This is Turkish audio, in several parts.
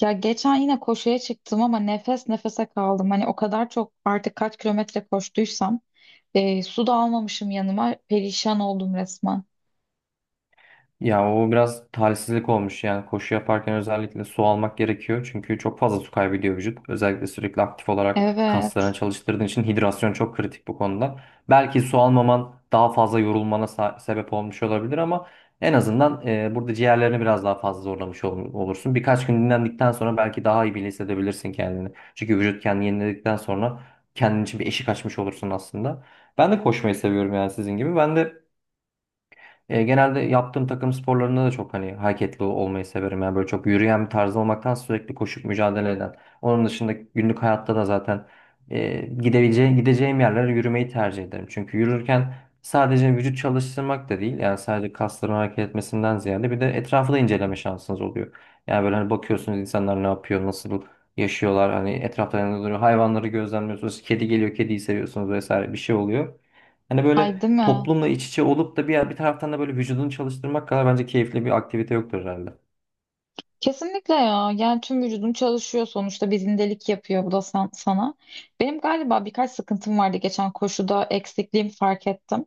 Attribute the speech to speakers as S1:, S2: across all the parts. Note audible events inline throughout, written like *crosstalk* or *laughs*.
S1: Ya geçen yine koşuya çıktım ama nefes nefese kaldım. Hani o kadar çok artık kaç kilometre koştuysam su da almamışım yanıma. Perişan oldum resmen.
S2: Ya o biraz talihsizlik olmuş yani koşu yaparken özellikle su almak gerekiyor çünkü çok fazla su kaybediyor vücut. Özellikle sürekli aktif olarak kaslarını
S1: Evet.
S2: çalıştırdığın için hidrasyon çok kritik bu konuda. Belki su almaman daha fazla yorulmana sebep olmuş olabilir ama en azından burada ciğerlerini biraz daha fazla zorlamış olursun. Birkaç gün dinlendikten sonra belki daha iyi bile hissedebilirsin kendini. Çünkü vücut kendini yeniledikten sonra kendin için bir eşik açmış olursun aslında. Ben de koşmayı seviyorum yani sizin gibi. Ben de genelde yaptığım takım sporlarında da çok hani hareketli olmayı severim. Yani böyle çok yürüyen bir tarz olmaktan sürekli koşup mücadele eden. Onun dışında günlük hayatta da zaten gideceğim yerlere yürümeyi tercih ederim. Çünkü yürürken sadece vücut çalıştırmak da değil. Yani sadece kasların hareket etmesinden ziyade bir de etrafı da inceleme şansınız oluyor. Yani böyle hani bakıyorsunuz insanlar ne yapıyor, nasıl yaşıyorlar. Hani etrafta ne duruyor, hayvanları gözlemliyorsunuz. Kedi geliyor, kediyi seviyorsunuz vesaire bir şey oluyor. Hani böyle
S1: Ay değil mi?
S2: toplumla iç içe olup da bir taraftan da böyle vücudunu çalıştırmak kadar bence keyifli bir aktivite yoktur herhalde.
S1: Kesinlikle ya. Yani tüm vücudum çalışıyor sonuçta. Bir zindelik yapıyor bu da sana. Benim galiba birkaç sıkıntım vardı geçen koşuda. Eksikliğimi fark ettim.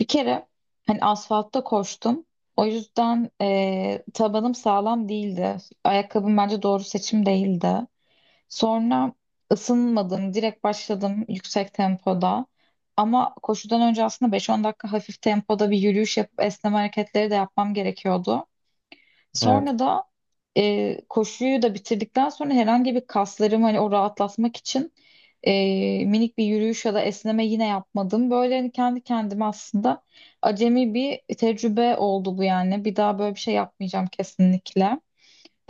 S1: Bir kere hani asfaltta koştum. O yüzden tabanım sağlam değildi. Ayakkabım bence doğru seçim değildi. Sonra ısınmadım, direkt başladım yüksek tempoda. Ama koşudan önce aslında 5-10 dakika hafif tempoda bir yürüyüş yapıp esneme hareketleri de yapmam gerekiyordu.
S2: Evet.
S1: Sonra da koşuyu da bitirdikten sonra herhangi bir kaslarımı hani o rahatlatmak için minik bir yürüyüş ya da esneme yine yapmadım. Böyle hani kendi kendime aslında acemi bir tecrübe oldu bu yani. Bir daha böyle bir şey yapmayacağım kesinlikle.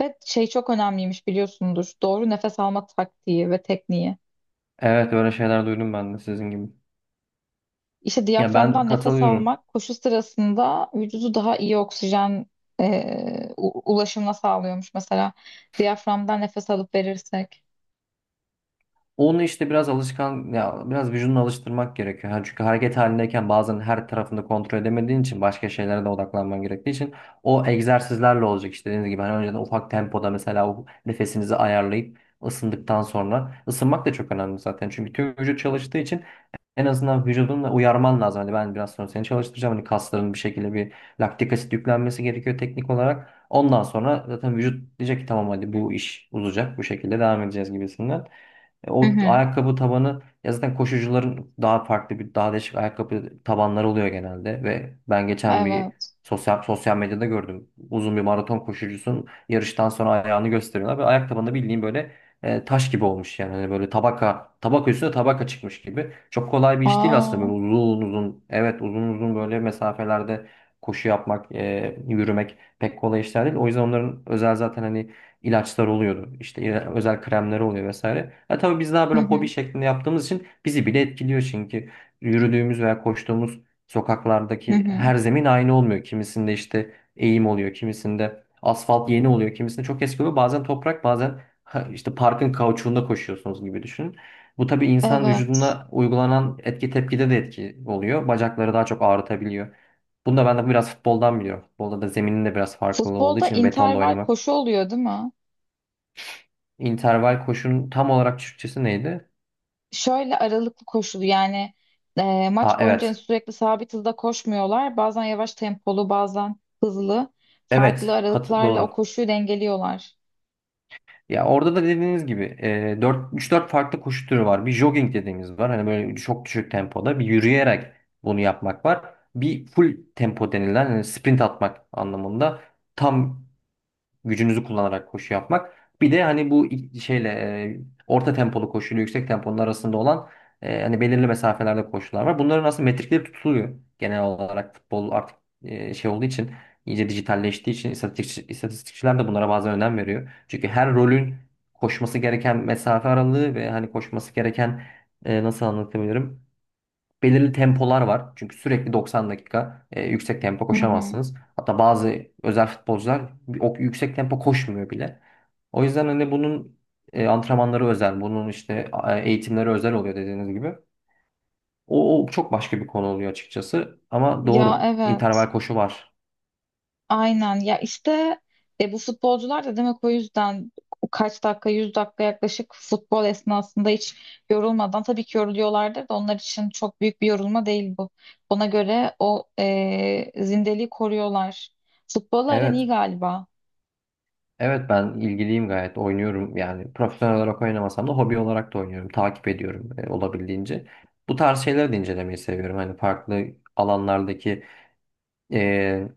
S1: Ve şey çok önemliymiş biliyorsundur. Doğru nefes alma taktiği ve tekniği.
S2: Evet öyle şeyler duydum ben de sizin gibi.
S1: İşte
S2: Ya ben
S1: diyaframdan nefes
S2: katılıyorum.
S1: almak koşu sırasında vücudu daha iyi oksijen ulaşımına sağlıyormuş. Mesela diyaframdan nefes alıp verirsek.
S2: Onu işte biraz alışkan ya biraz vücudunu alıştırmak gerekiyor. Yani çünkü hareket halindeyken bazen her tarafını kontrol edemediğin için başka şeylere de odaklanman gerektiği için o egzersizlerle olacak işte dediğiniz gibi. Hani önceden ufak tempoda mesela o nefesinizi ayarlayıp ısındıktan sonra ısınmak da çok önemli zaten. Çünkü tüm vücut çalıştığı için en azından vücudunla uyarman lazım. Hani ben biraz sonra seni çalıştıracağım. Hani kasların bir şekilde bir laktik asit yüklenmesi gerekiyor teknik olarak. Ondan sonra zaten vücut diyecek ki tamam hadi bu iş uzayacak. Bu şekilde devam edeceğiz gibisinden.
S1: Hı
S2: O
S1: hı.
S2: ayakkabı tabanı ya zaten koşucuların daha farklı bir daha değişik ayakkabı tabanları oluyor genelde ve ben geçen bir
S1: Evet.
S2: sosyal medyada gördüm. Uzun bir maraton koşucusunun yarıştan sonra ayağını gösteriyorlar ve ayak tabanında bildiğin böyle taş gibi olmuş yani hani böyle tabaka tabaka üstüne tabaka çıkmış gibi. Çok kolay bir iş değil aslında
S1: Aa.
S2: böyle uzun uzun evet uzun uzun böyle mesafelerde koşu yapmak, yürümek pek kolay işler değil. O yüzden onların özel zaten hani ilaçlar oluyordu. İşte özel kremler oluyor vesaire. Ha, tabii biz daha
S1: Hı
S2: böyle hobi
S1: hı.
S2: şeklinde yaptığımız için bizi bile etkiliyor çünkü yürüdüğümüz veya koştuğumuz
S1: Hı
S2: sokaklardaki
S1: hı.
S2: her zemin aynı olmuyor. Kimisinde işte eğim oluyor, kimisinde asfalt yeni oluyor, kimisinde çok eski oluyor. Bazen toprak, bazen ha, işte parkın kauçuğunda koşuyorsunuz gibi düşünün. Bu tabii insan
S1: Evet.
S2: vücuduna uygulanan etki tepkide de etki oluyor. Bacakları daha çok ağrıtabiliyor. Bunu da ben de biraz futboldan biliyorum. Futbolda da zeminin de biraz farklılığı olduğu
S1: Futbolda
S2: için betonda
S1: interval
S2: oynamak.
S1: koşu oluyor değil mi?
S2: İnterval koşunun tam olarak Türkçesi neydi?
S1: Şöyle aralıklı koşulu yani
S2: Aa
S1: maç boyunca
S2: evet.
S1: sürekli sabit hızda koşmuyorlar. Bazen yavaş tempolu, bazen hızlı. Farklı
S2: Evet. Kat
S1: aralıklarla o
S2: doğru.
S1: koşuyu dengeliyorlar.
S2: Ya orada da dediğiniz gibi e, 4 3-4 farklı koşu türü var. Bir jogging dediğimiz var. Hani böyle çok düşük tempoda bir yürüyerek bunu yapmak var. Bir full tempo denilen hani sprint atmak anlamında tam gücünüzü kullanarak koşu yapmak. Bir de hani bu e, orta tempolu koşuyla yüksek temponun arasında olan hani belirli mesafelerde koşular var. Bunların aslında metrikleri tutuluyor. Genel olarak futbol artık e, şey olduğu için iyice dijitalleştiği için istatistikçiler de bunlara bazen önem veriyor. Çünkü her rolün koşması gereken mesafe aralığı ve hani koşması gereken nasıl anlatabilirim? Belirli tempolar var. Çünkü sürekli 90 dakika yüksek tempo
S1: Hı hı.
S2: koşamazsınız. Hatta bazı özel futbolcular o yüksek tempo koşmuyor bile. O yüzden hani bunun antrenmanları özel, bunun işte eğitimleri özel oluyor dediğiniz gibi. O çok başka bir konu oluyor açıkçası. Ama
S1: Ya
S2: doğru.
S1: evet.
S2: interval koşu var.
S1: Aynen. Ya işte bu futbolcular da demek o yüzden kaç dakika, 100 dakika yaklaşık futbol esnasında hiç yorulmadan tabii ki yoruluyorlardır da onlar için çok büyük bir yorulma değil bu. Ona göre o zindeliği koruyorlar. Futbol aran iyi
S2: Evet.
S1: galiba.
S2: Evet ben ilgiliyim gayet. Oynuyorum yani. Profesyonel olarak oynamasam da hobi olarak da oynuyorum. Takip ediyorum olabildiğince. Bu tarz şeyleri de incelemeyi seviyorum. Hani farklı alanlardaki e,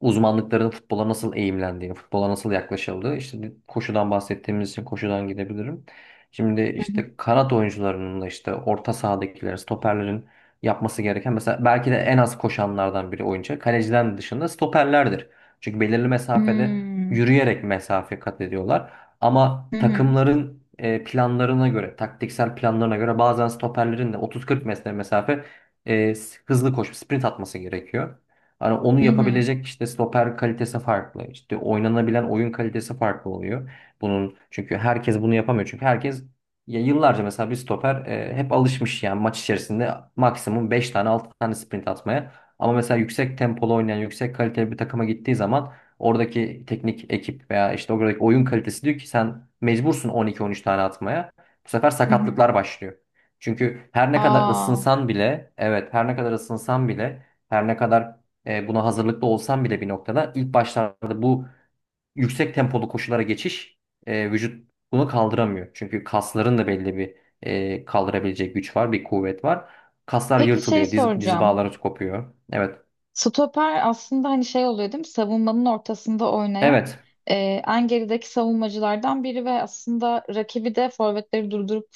S2: uzmanlıkların futbola nasıl eğimlendiğini, futbola nasıl yaklaşıldığı. İşte koşudan bahsettiğimiz için koşudan gidebilirim. Şimdi işte kanat oyuncularının da işte orta sahadakilerin, stoperlerin yapması gereken mesela belki de en az koşanlardan biri oyuncu. Kaleciden dışında stoperlerdir. Çünkü belirli mesafede
S1: Hmm.
S2: yürüyerek mesafe kat ediyorlar. Ama
S1: Hı hı.
S2: takımların planlarına göre, taktiksel planlarına göre bazen stoperlerin de 30-40 metre mesafe e, hızlı koşup sprint atması gerekiyor. Hani onu
S1: Hı hı.
S2: yapabilecek işte stoper kalitesi farklı. İşte oynanabilen oyun kalitesi farklı oluyor. Bunun çünkü herkes bunu yapamıyor. Çünkü herkes ya yıllarca mesela bir stoper hep alışmış yani maç içerisinde maksimum 5 tane 6 tane sprint atmaya. Ama mesela yüksek tempolu oynayan, yüksek kaliteli bir takıma gittiği zaman oradaki teknik ekip veya işte oradaki oyun kalitesi diyor ki sen mecbursun on iki on üç tane atmaya. Bu sefer
S1: Hı hı.
S2: sakatlıklar başlıyor. Çünkü her ne kadar
S1: Aa.
S2: ısınsan bile, evet her ne kadar ısınsan bile her ne kadar buna hazırlıklı olsan bile bir noktada ilk başlarda bu yüksek tempolu koşulara geçiş vücut bunu kaldıramıyor. Çünkü kasların da belli bir kaldırabilecek güç var, bir kuvvet var. Kaslar
S1: Peki şey
S2: yırtılıyor, diz
S1: soracağım.
S2: bağları kopuyor. Evet,
S1: Stoper aslında hani şey oluyor değil mi? Savunmanın ortasında oynayan
S2: evet,
S1: e, en gerideki savunmacılardan biri ve aslında rakibi de forvetleri durdurup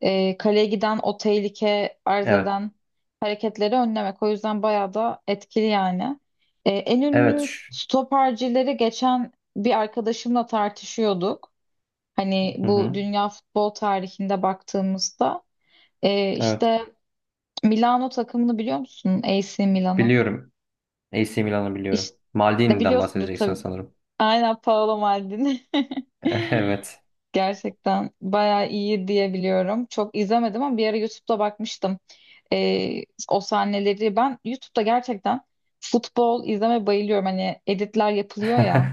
S1: kaleye giden o tehlike arz
S2: evet,
S1: eden hareketleri önlemek. O yüzden bayağı da etkili yani. En
S2: evet.
S1: ünlü stopercileri geçen bir arkadaşımla tartışıyorduk. Hani
S2: Hı
S1: bu
S2: hı.
S1: dünya futbol tarihinde baktığımızda.
S2: Evet,
S1: İşte Milano takımını biliyor musun? AC Milan'ı.
S2: biliyorum. AC Milan'ı biliyorum.
S1: İşte
S2: Maldini'den
S1: biliyorsundur
S2: bahsedeceksin
S1: tabii.
S2: sanırım.
S1: Aynen Paolo Maldini.
S2: *laughs*
S1: *laughs*
S2: Evet.
S1: Gerçekten bayağı iyi diye biliyorum. Çok izlemedim ama bir ara YouTube'da bakmıştım. Ee, O sahneleri ben YouTube'da gerçekten futbol izleme bayılıyorum. Hani editler yapılıyor
S2: *laughs*
S1: ya.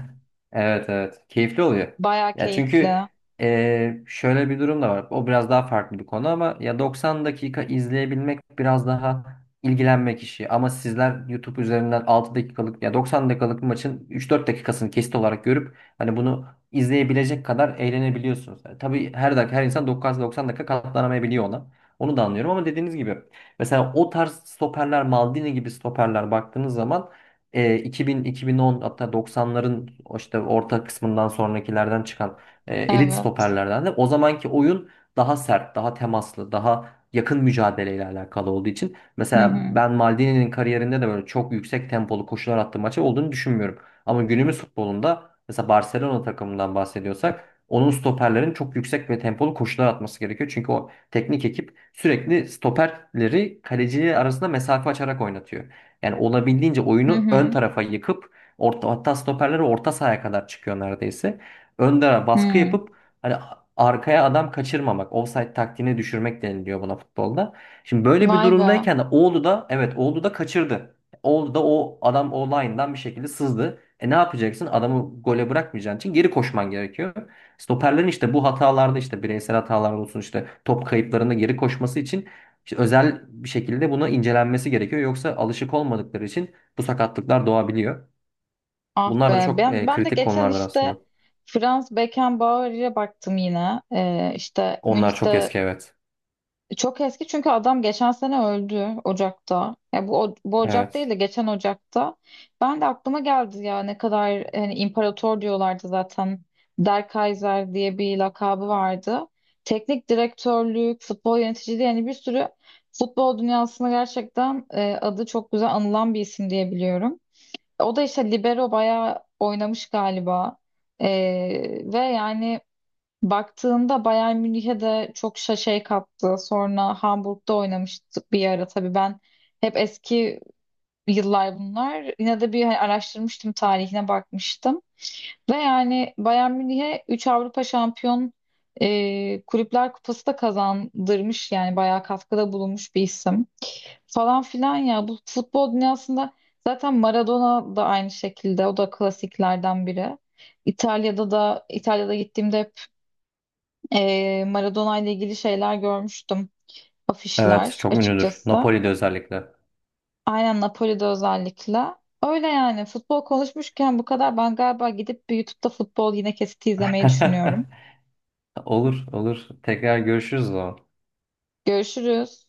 S2: Evet evet. Keyifli oluyor.
S1: Bayağı
S2: Ya çünkü
S1: keyifli.
S2: şöyle bir durum da var. O biraz daha farklı bir konu ama ya 90 dakika izleyebilmek biraz daha ilgilenmek işi. Ama sizler YouTube üzerinden 6 dakikalık ya 90 dakikalık bir maçın 3-4 dakikasını kesit olarak görüp hani bunu izleyebilecek kadar eğlenebiliyorsunuz. Yani tabii her dakika her insan 90 dakika katlanamayabiliyor ona. Onu da anlıyorum ama dediğiniz gibi mesela o tarz stoperler Maldini gibi stoperler baktığınız zaman 2000, 2010 hatta 90'ların o işte orta kısmından sonrakilerden çıkan elit
S1: Evet.
S2: stoperlerden de o zamanki oyun daha sert, daha temaslı, daha yakın mücadeleyle alakalı olduğu için
S1: Hı
S2: mesela
S1: hı.
S2: ben Maldini'nin kariyerinde de böyle çok yüksek tempolu koşular attığı maçı olduğunu düşünmüyorum. Ama günümüz futbolunda mesela Barcelona takımından bahsediyorsak onun stoperlerin çok yüksek ve tempolu koşular atması gerekiyor. Çünkü o teknik ekip sürekli stoperleri kaleciyle arasında mesafe açarak oynatıyor. Yani olabildiğince
S1: Hı
S2: oyunu ön
S1: hı.
S2: tarafa yıkıp orta, hatta stoperleri orta sahaya kadar çıkıyor neredeyse. Öndere baskı
S1: Hı.
S2: yapıp hani arkaya adam kaçırmamak, offside taktiğini düşürmek deniliyor buna futbolda. Şimdi böyle bir
S1: Vay be.
S2: durumdayken de Oğlu da evet Oğlu da kaçırdı. Oğlu da o adam o line'dan bir şekilde sızdı. E ne yapacaksın? Adamı gole bırakmayacağın için geri koşman gerekiyor. Stoperlerin işte bu hatalarda işte bireysel hatalar olsun işte top kayıplarında geri koşması için işte özel bir şekilde buna incelenmesi gerekiyor. Yoksa alışık olmadıkları için bu sakatlıklar doğabiliyor.
S1: Ah
S2: Bunlar da
S1: be.
S2: çok
S1: Ben ben de
S2: kritik
S1: geçen
S2: konulardır
S1: işte
S2: aslında.
S1: Franz Beckenbauer'e baktım yine. İşte
S2: Onlar çok eski
S1: Münih'te.
S2: evet.
S1: Çok eski çünkü adam geçen sene öldü Ocak'ta. Ya bu bu Ocak
S2: Evet.
S1: değil de geçen Ocak'ta. Ben de aklıma geldi ya ne kadar hani imparator diyorlardı zaten. Der Kaiser diye bir lakabı vardı. Teknik direktörlük, futbol yöneticiliği yani bir sürü futbol dünyasında gerçekten adı çok güzel anılan bir isim diye biliyorum. O da işte libero bayağı oynamış galiba. E, Ve yani baktığında Bayern Münih'e de çok şey kattı. Sonra Hamburg'da oynamıştık bir ara. Tabii ben hep eski yıllar bunlar. Yine de bir hani araştırmıştım, tarihine bakmıştım. Ve yani Bayern Münih'e 3 Avrupa Şampiyon Kulüpler Kupası da kazandırmış. Yani bayağı katkıda bulunmuş bir isim. Falan filan ya. Bu futbol dünyasında zaten Maradona da aynı şekilde. O da klasiklerden biri. İtalya'da gittiğimde Maradona ile ilgili şeyler görmüştüm.
S2: Evet
S1: Afişler
S2: çok ünlüdür.
S1: açıkçası.
S2: Napoli'de özellikle.
S1: Aynen Napoli'de özellikle. Öyle yani futbol konuşmuşken bu kadar. Ben galiba gidip bir YouTube'da futbol yine kesiti
S2: *laughs*
S1: izlemeyi düşünüyorum.
S2: Olur olur. Tekrar görüşürüz o zaman.
S1: Görüşürüz.